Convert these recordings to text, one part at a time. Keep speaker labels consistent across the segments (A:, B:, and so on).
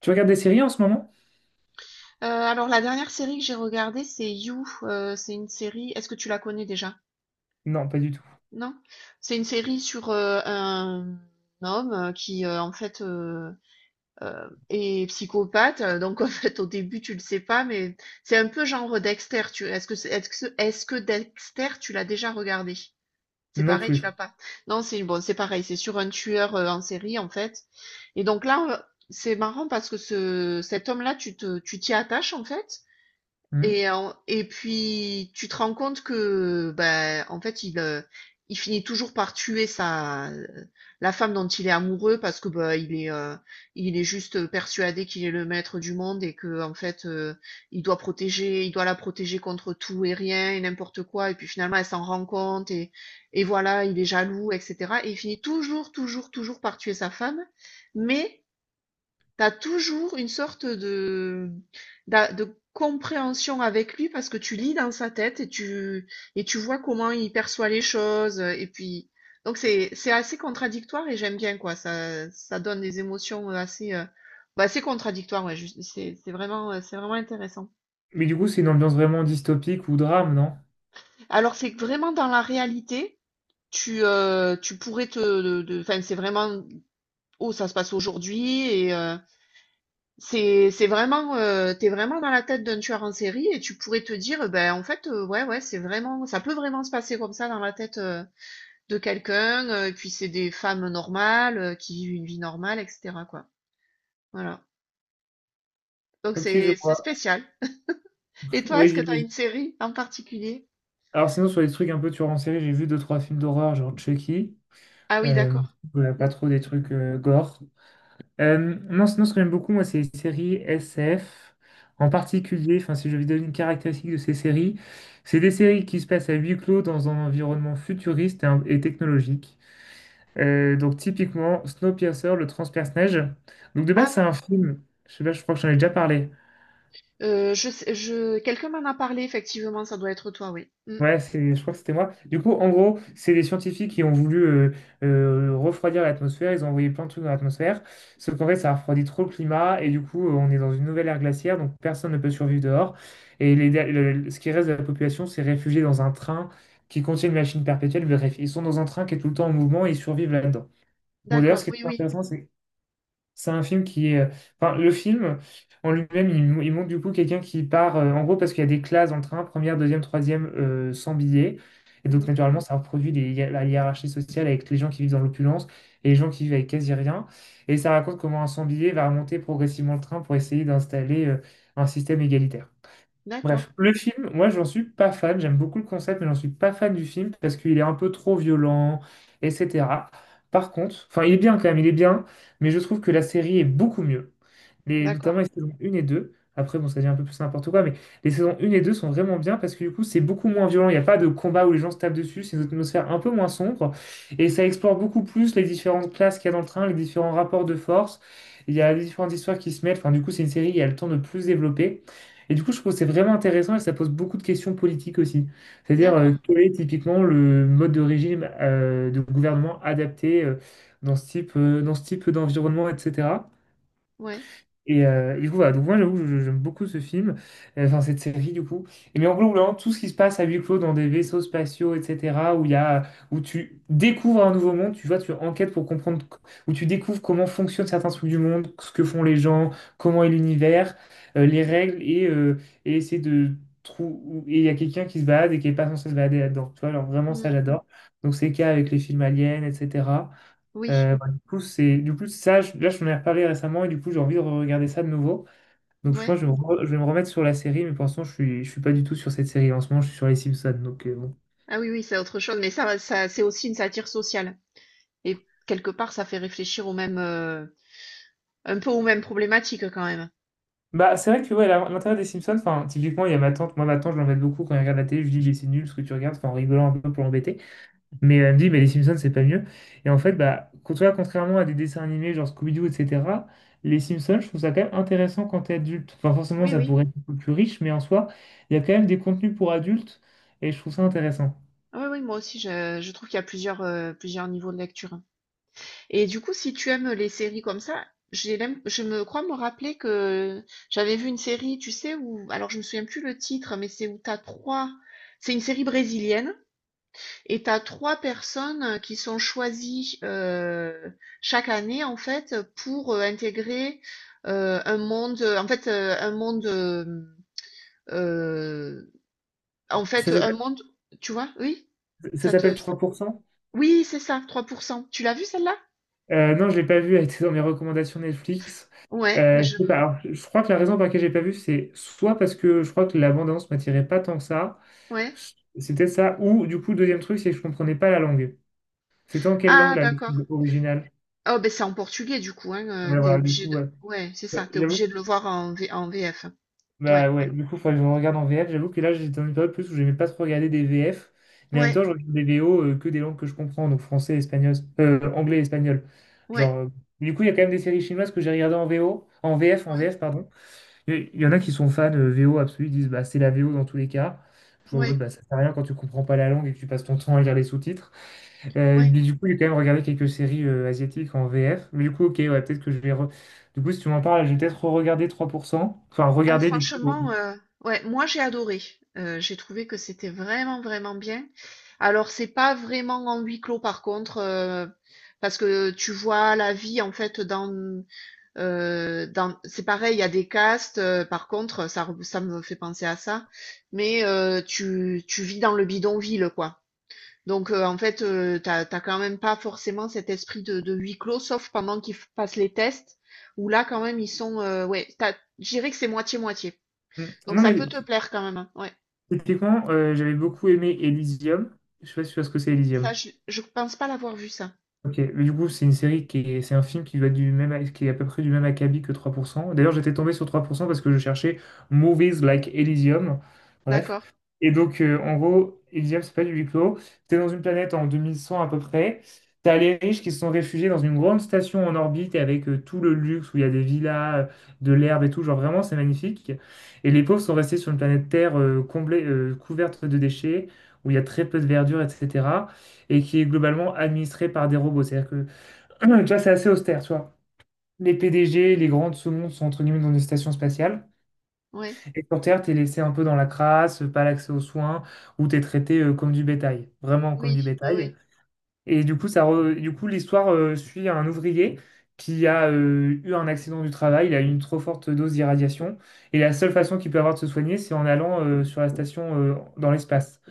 A: Tu regardes des séries en ce moment?
B: Alors la dernière série que j'ai regardée, c'est You. C'est une série. Est-ce que tu la connais déjà?
A: Non, pas du tout.
B: Non? C'est une série sur un homme qui en fait est psychopathe. Donc en fait au début tu le sais pas, mais c'est un peu genre Dexter. Tu... Est-ce que Dexter tu l'as déjà regardé? C'est
A: Non
B: pareil, tu
A: plus.
B: l'as pas. Non, c'est bon, c'est pareil. C'est sur un tueur en série en fait. Et donc là, on- c'est marrant parce que ce cet homme-là, tu t'y attaches en fait.
A: Hmm.
B: Et puis tu te rends compte que, ben, en fait, il finit toujours par tuer sa la femme dont il est amoureux parce que, il est juste persuadé qu'il est le maître du monde et que en fait, il doit la protéger contre tout et rien et n'importe quoi et puis finalement, elle s'en rend compte et voilà, il est jaloux et cetera et il finit toujours, toujours, toujours par tuer sa femme mais T'as toujours une sorte de compréhension avec lui parce que tu lis dans sa tête et tu vois comment il perçoit les choses. Et puis, c'est assez contradictoire et j'aime bien quoi. Ça donne des émotions assez, assez contradictoires. C'est vraiment, c'est vraiment intéressant.
A: Mais du coup, c'est une ambiance vraiment dystopique ou drame, non?
B: Alors c'est que vraiment dans la réalité. Tu, tu pourrais te, de- Enfin, c'est vraiment, oh, ça se passe aujourd'hui c'est vraiment, tu vraiment dans la tête d'un tueur en série et tu pourrais te dire, ben, en fait, ouais, ouais, c'est vraiment ça peut vraiment se passer comme ça dans la tête, de quelqu'un, et puis c'est des femmes normales, qui vivent une vie normale et cetera, quoi. Voilà. Donc
A: Ok, je
B: c'est
A: vois.
B: spécial. Et toi,
A: Oui,
B: est-ce que tu as
A: j'imagine.
B: une série en particulier?
A: Alors sinon, sur les trucs un peu tueurs en série, j'ai vu deux, trois films d'horreur, genre Chucky.
B: Ah oui,
A: Euh,
B: d'accord.
A: voilà,
B: Mmh.
A: pas trop des trucs gore. Non, sinon, ce que j'aime beaucoup, moi, c'est les séries SF. En particulier, enfin, si je vais donner une caractéristique de ces séries, c'est des séries qui se passent à huis clos dans un environnement futuriste et technologique. Donc typiquement Snowpiercer, le transperce-neige. Donc de base
B: Ah
A: c'est
B: oui,
A: un film, je sais pas, je crois que j'en ai déjà parlé.
B: je quelqu'un m'en a parlé effectivement, ça doit être toi, oui. Mmh.
A: Ouais, c'est, je crois que c'était moi. Du coup, en gros, c'est des scientifiques qui ont voulu refroidir l'atmosphère. Ils ont envoyé plein de trucs dans l'atmosphère. Sauf qu'en fait, ça refroidit trop le climat. Et du coup, on est dans une nouvelle ère glaciaire. Donc, personne ne peut survivre dehors. Et ce qui reste de la population s'est réfugié dans un train qui contient une machine perpétuelle. Bref, ils sont dans un train qui est tout le temps en mouvement et ils survivent là-dedans. Bon, d'ailleurs, ce
B: D'accord,
A: qui est
B: oui,
A: très
B: oui.
A: intéressant, c'est un film qui est... Enfin, le film en lui-même, il montre du coup quelqu'un qui part, en gros, parce qu'il y a des classes dans le train, première, deuxième, troisième, sans billets. Et donc,
B: Mmh.
A: naturellement, ça reproduit la hiérarchie sociale avec les gens qui vivent dans l'opulence et les gens qui vivent avec quasi rien. Et ça raconte comment un sans billet va remonter progressivement le train pour essayer d'installer, un système égalitaire.
B: D'accord,
A: Bref, le film, moi j'en suis pas fan, j'aime beaucoup le concept, mais j'en suis pas fan du film parce qu'il est un peu trop violent, etc. Par contre, enfin il est bien quand même, il est bien, mais je trouve que la série est beaucoup mieux. Les, notamment
B: d'accord,
A: les saisons 1 et 2. Après, bon, ça devient un peu plus n'importe quoi, mais les saisons 1 et 2 sont vraiment bien parce que du coup, c'est beaucoup moins violent. Il n'y a pas de combat où les gens se tapent dessus. C'est une atmosphère un peu moins sombre. Et ça explore beaucoup plus les différentes classes qu'il y a dans le train, les différents rapports de force. Il y a les différentes histoires qui se mêlent. Enfin, du coup, c'est une série qui a le temps de plus développer. Et du coup, je trouve que c'est vraiment intéressant et ça pose beaucoup de questions politiques aussi. C'est-à-dire,
B: d'accord.
A: quel est typiquement le mode de régime de gouvernement adapté dans dans ce type d'environnement, etc.
B: Ouais.
A: Et et du coup, voilà. Donc, moi, j'avoue, j'aime beaucoup ce film, enfin, cette série, du coup. Et mais en gros, vraiment, tout ce qui se passe à huis clos dans des vaisseaux spatiaux, etc., où il y a, où tu découvres un nouveau monde, tu vois, tu enquêtes pour comprendre, où tu découvres comment fonctionnent certains trucs du monde, ce que font les gens, comment est l'univers, les règles, et et essayer de trouver. Et il y a quelqu'un qui se balade et qui n'est pas censé se balader là-dedans. Tu vois, alors vraiment, ça,
B: Mmh.
A: j'adore. Donc, c'est le cas avec les films aliens, etc.
B: Oui.
A: Du coup, ça, là, je m'en ai reparlé récemment et du coup, j'ai envie de regarder ça de nouveau. Donc, je
B: Ouais.
A: pense que je vais me remettre sur la série, mais pour l'instant, je suis pas du tout sur cette série. En ce moment, je suis sur les Simpsons. Donc, bon.
B: Ah oui, oui, c'est autre chose, mais c'est aussi une satire sociale. Et quelque part, ça fait réfléchir au même, un peu aux mêmes problématiques quand même.
A: Bah, c'est vrai que ouais, l'intérêt des Simpsons, enfin, typiquement, il y a ma tante. Moi, ma tante, je l'embête beaucoup quand elle regarde la télé. Je lui dis, mais c'est nul ce que tu regardes, enfin, en rigolant un peu pour l'embêter. Mais elle me dit, mais les Simpsons, c'est pas mieux. Et en fait, tu vois, contrairement à des dessins animés genre Scooby-Doo, etc., les Simpsons, je trouve ça quand même intéressant quand t'es adulte. Enfin, forcément,
B: Oui,
A: ça
B: oui.
A: pourrait être un peu plus riche, mais en soi, il y a quand même des contenus pour adultes et je trouve ça intéressant.
B: Oui, oui, moi aussi, je trouve qu'il y a plusieurs, plusieurs niveaux de lecture. Et du coup, si tu aimes les séries comme ça, je me crois me rappeler que j'avais vu une série, tu sais, où, alors je me souviens plus le titre, mais c'est où t'as trois, c'est une série brésilienne. Et tu as 3 personnes qui sont choisies chaque année en fait pour intégrer un monde, en fait un monde, euh, en fait
A: Ça
B: un
A: s'appelle
B: monde, tu vois, oui,
A: ça
B: ça te,
A: s'appelle 3%?
B: oui c'est ça, trois pour cent Tu l'as vu celle-là?
A: Non, je l'ai pas vu, elle était dans mes recommandations Netflix.
B: Ouais, je,
A: Je sais pas. Alors, je crois que la raison pour laquelle j'ai pas vu, c'est soit parce que je crois que la bande-annonce m'attirait pas tant que ça,
B: ouais.
A: c'était ça, ou du coup, le deuxième truc, c'est que je comprenais pas la langue. C'était en quelle langue
B: Ah
A: la
B: d'accord.
A: version originale?
B: Oh ben c'est en portugais du coup, hein,
A: Ouais,
B: t'es
A: voilà, du
B: obligé
A: coup,
B: de,
A: ouais.
B: ouais c'est ça,
A: Ouais,
B: t'es
A: j'avoue.
B: obligé de le voir en, en VF. Ouais,
A: Bah ouais, du coup, faudrait que je regarde en VF. J'avoue que là, j'étais dans une période plus où j'aimais pas trop regarder des VF, mais en même
B: ouais,
A: temps, je regarde des VO que des langues que je comprends, donc français, espagnol, anglais, espagnol.
B: ouais,
A: Genre, euh, du coup, il y a quand même des séries chinoises que j'ai regardées en
B: ouais,
A: VF, pardon. Y en a qui sont fans VO absolus, ils disent, bah c'est la VO dans tous les cas. Je suis en mode,
B: ouais,
A: bah ça sert à rien quand tu comprends pas la langue et que tu passes ton temps à lire les sous-titres.
B: ouais.
A: Mais du coup, j'ai quand même regardé quelques séries asiatiques en VF. Mais du coup, ok, ouais, peut-être que du coup, si tu m'en parles, je vais peut-être regarder 3% Enfin,
B: Ah,
A: regarder du coup.
B: franchement, ouais, moi j'ai adoré. J'ai trouvé que c'était vraiment, vraiment bien. Alors c'est pas vraiment en huis clos par contre, parce que tu vois la vie en fait dans c'est pareil, il y a des castes, par contre, ça me fait penser à ça, mais tu vis dans le bidonville, quoi. Donc en fait, t'as as quand même pas forcément cet esprit de huis clos, sauf pendant qu'ils f passent les tests, où là quand même ils sont, ouais, tu je dirais que c'est moitié-moitié.
A: euh,
B: Donc
A: Non,
B: ça
A: mais
B: peut te plaire quand même. Hein. Ouais.
A: typiquement, j'avais beaucoup aimé Elysium. Je sais pas si tu vois ce que c'est Elysium.
B: Je pense pas l'avoir vu ça.
A: Ok, mais du coup, c'est une série qui est, c'est un film qui va du même, qui est à peu près du même acabit que 3%. D'ailleurs, j'étais tombé sur 3% parce que je cherchais Movies Like Elysium. Bref.
B: D'accord.
A: Et donc, en gros, Elysium, c'est pas du huis clos. T'es dans une planète en 2100 à peu près. T'as les riches qui se sont réfugiés dans une grande station en orbite et avec tout le luxe où il y a des villas, de l'herbe et tout. Genre, vraiment, c'est magnifique. Et les pauvres sont restés sur une planète Terre couverte de déchets, où il y a très peu de verdure, etc et qui est globalement administré par des robots. C'est-à-dire que, tu vois, c'est assez austère, tu vois. Les PDG, les grands de ce monde sont entre guillemets dans des stations spatiales.
B: Ouais.
A: Et sur Terre, t'es laissé un peu dans la crasse, pas l'accès aux soins, où t'es traité comme du bétail, vraiment comme du
B: Oui, oui, oui.
A: bétail. Et du coup, l'histoire suit un ouvrier qui a eu un accident du travail, il a eu une trop forte dose d'irradiation. Et la seule façon qu'il peut avoir de se soigner, c'est en allant sur la station dans l'espace.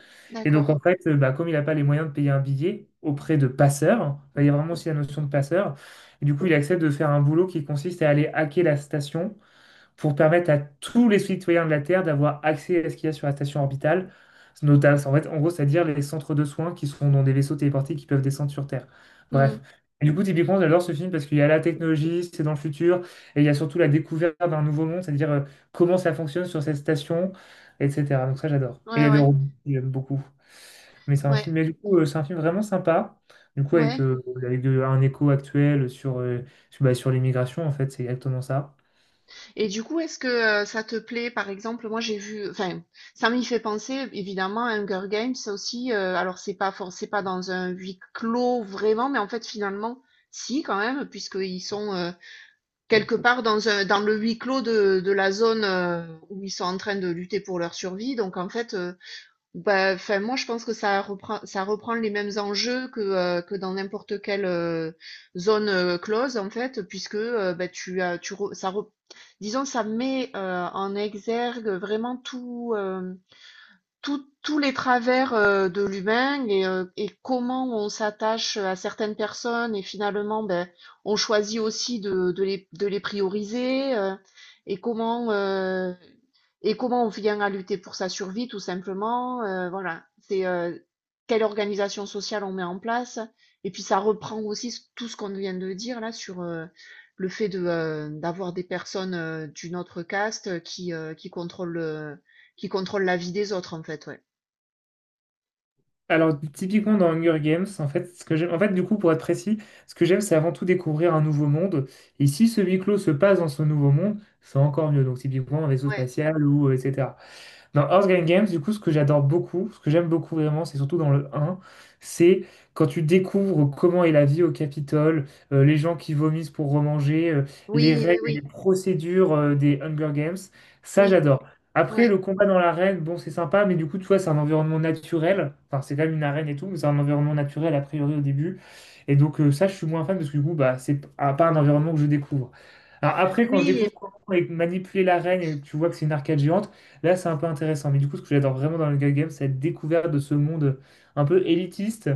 A: Et donc,
B: D'accord.
A: en fait, comme il n'a pas les moyens de payer un billet auprès de passeurs, bah, il y a vraiment aussi la notion de passeur, et du coup, il accepte de faire un boulot qui consiste à aller hacker la station pour permettre à tous les citoyens de la Terre d'avoir accès à ce qu'il y a sur la station orbitale. Notamment, en fait, en gros, c'est-à-dire les centres de soins qui sont dans des vaisseaux téléportés qui peuvent descendre sur Terre.
B: Mhm.
A: Bref. Et du coup, typiquement, j'adore ce film parce qu'il y a la technologie, c'est dans le futur, et il y a surtout la découverte d'un nouveau monde, c'est-à-dire comment ça fonctionne sur cette station, etc. Donc ça, j'adore. Et il y
B: Ouais,
A: a des
B: ouais,
A: robots que j'aime beaucoup. Mais
B: ouais,
A: c'est un film vraiment sympa. Du coup, avec,
B: ouais.
A: euh, avec de- un écho actuel sur, sur l'immigration, en fait, c'est exactement ça.
B: Et du coup, est-ce que ça te plaît, par exemple, moi j'ai vu, enfin, ça m'y fait penser évidemment à Hunger Games ça aussi. C'est pas dans un huis clos vraiment, mais en fait finalement, si quand même, puisqu'ils sont quelque part dans le huis clos de la zone où ils sont en train de lutter pour leur survie. Donc en fait. Bah, enfin, moi, je pense que ça reprend les mêmes enjeux que dans n'importe quelle zone close, en fait, puisque bah, tu as, tu re- ça re- disons, ça met en exergue vraiment tout. Tous les travers de l'humain et et comment on s'attache à certaines personnes et finalement ben, on choisit aussi de les prioriser et comment on vient à lutter pour sa survie tout simplement voilà c'est quelle organisation sociale on met en place et puis ça reprend aussi tout ce qu'on vient de dire là sur le fait de d'avoir des personnes d'une autre caste qui contrôlent qui contrôle la vie des autres, en fait, ouais.
A: Alors, typiquement dans Hunger Games, en fait, du coup, pour être précis, ce que j'aime, c'est avant tout découvrir un nouveau monde. Et si ce huis clos se passe dans ce nouveau monde, c'est encore mieux. Donc, typiquement, un vaisseau
B: Ouais.
A: spatial ou etc. Dans Earthgang Games, du coup, ce que j'aime beaucoup vraiment, c'est surtout dans le un, c'est quand tu découvres comment est la vie au Capitole, les gens qui vomissent pour remanger, les
B: Oui, oui,
A: règles et les
B: oui.
A: procédures des Hunger Games. Ça,
B: Oui,
A: j'adore. Après,
B: ouais.
A: le combat dans l'arène, bon, c'est sympa, mais du coup, tu vois, c'est un environnement naturel. Enfin, c'est quand même une arène et tout, mais c'est un environnement naturel, a priori, au début. Et donc, ça, je suis moins fan parce que du coup, pas un environnement que je découvre. Alors, après, quand je
B: Oui
A: découvre
B: et
A: comment manipuler l'arène et que tu vois que c'est une arcade géante, là, c'est un peu intéressant. Mais du coup, ce que j'adore vraiment dans le Hunger Games, c'est la découverte de ce monde un peu élitiste,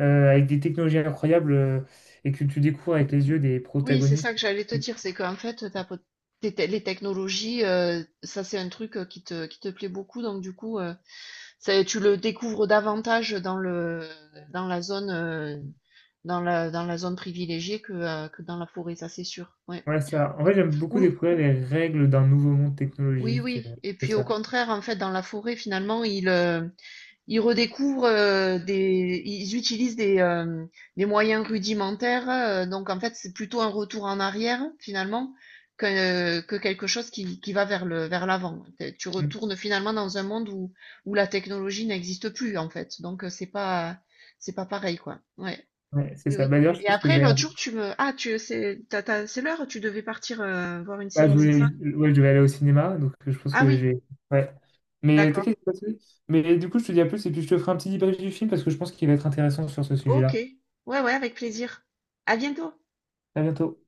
A: avec des technologies incroyables, et que tu découvres avec les yeux des
B: oui, c'est
A: protagonistes.
B: ça que j'allais te
A: Et-
B: dire, c'est qu'en fait, t'as pot tes te les technologies, ça, c'est un truc, qui te plaît beaucoup donc du coup, c'est tu le découvres davantage dans la zone, dans la zone privilégiée que dans la forêt, ça, c'est sûr, ouais.
A: Ouais, ça. En fait, j'aime beaucoup
B: Ou
A: découvrir les règles d'un nouveau monde
B: oui,
A: technologique.
B: oui et
A: C'est
B: puis au
A: ça.
B: contraire, en fait, dans la forêt, finalement, Ils redécouvrent ils utilisent des moyens rudimentaires. Donc en fait, c'est plutôt un retour en arrière finalement que quelque chose qui va vers le, vers l'avant. Tu
A: Mm.
B: retournes finalement dans un monde où la technologie n'existe plus en fait. C'est pas pareil quoi. Ouais,
A: Ouais, c'est
B: oui,
A: ça.
B: oui.
A: Bah, d'ailleurs, je
B: Et
A: pense que je
B: après
A: vais...
B: l'autre jour, tu me, ah tu, c'est, t'as- t'as- c'est l'heure, tu devais partir voir une
A: ah,
B: série, c'est ça?
A: ouais, je vais aller au cinéma, donc je pense
B: Ah
A: que
B: oui,
A: j'ai... Ouais. Mais
B: d'accord.
A: t'inquiète, c'est pas de souci. Mais du coup, je te dis à plus, et puis je te ferai un petit débrief du film, parce que je pense qu'il va être intéressant sur ce
B: Ok.
A: sujet-là.
B: Ouais, ouais, avec plaisir. À bientôt.
A: À bientôt.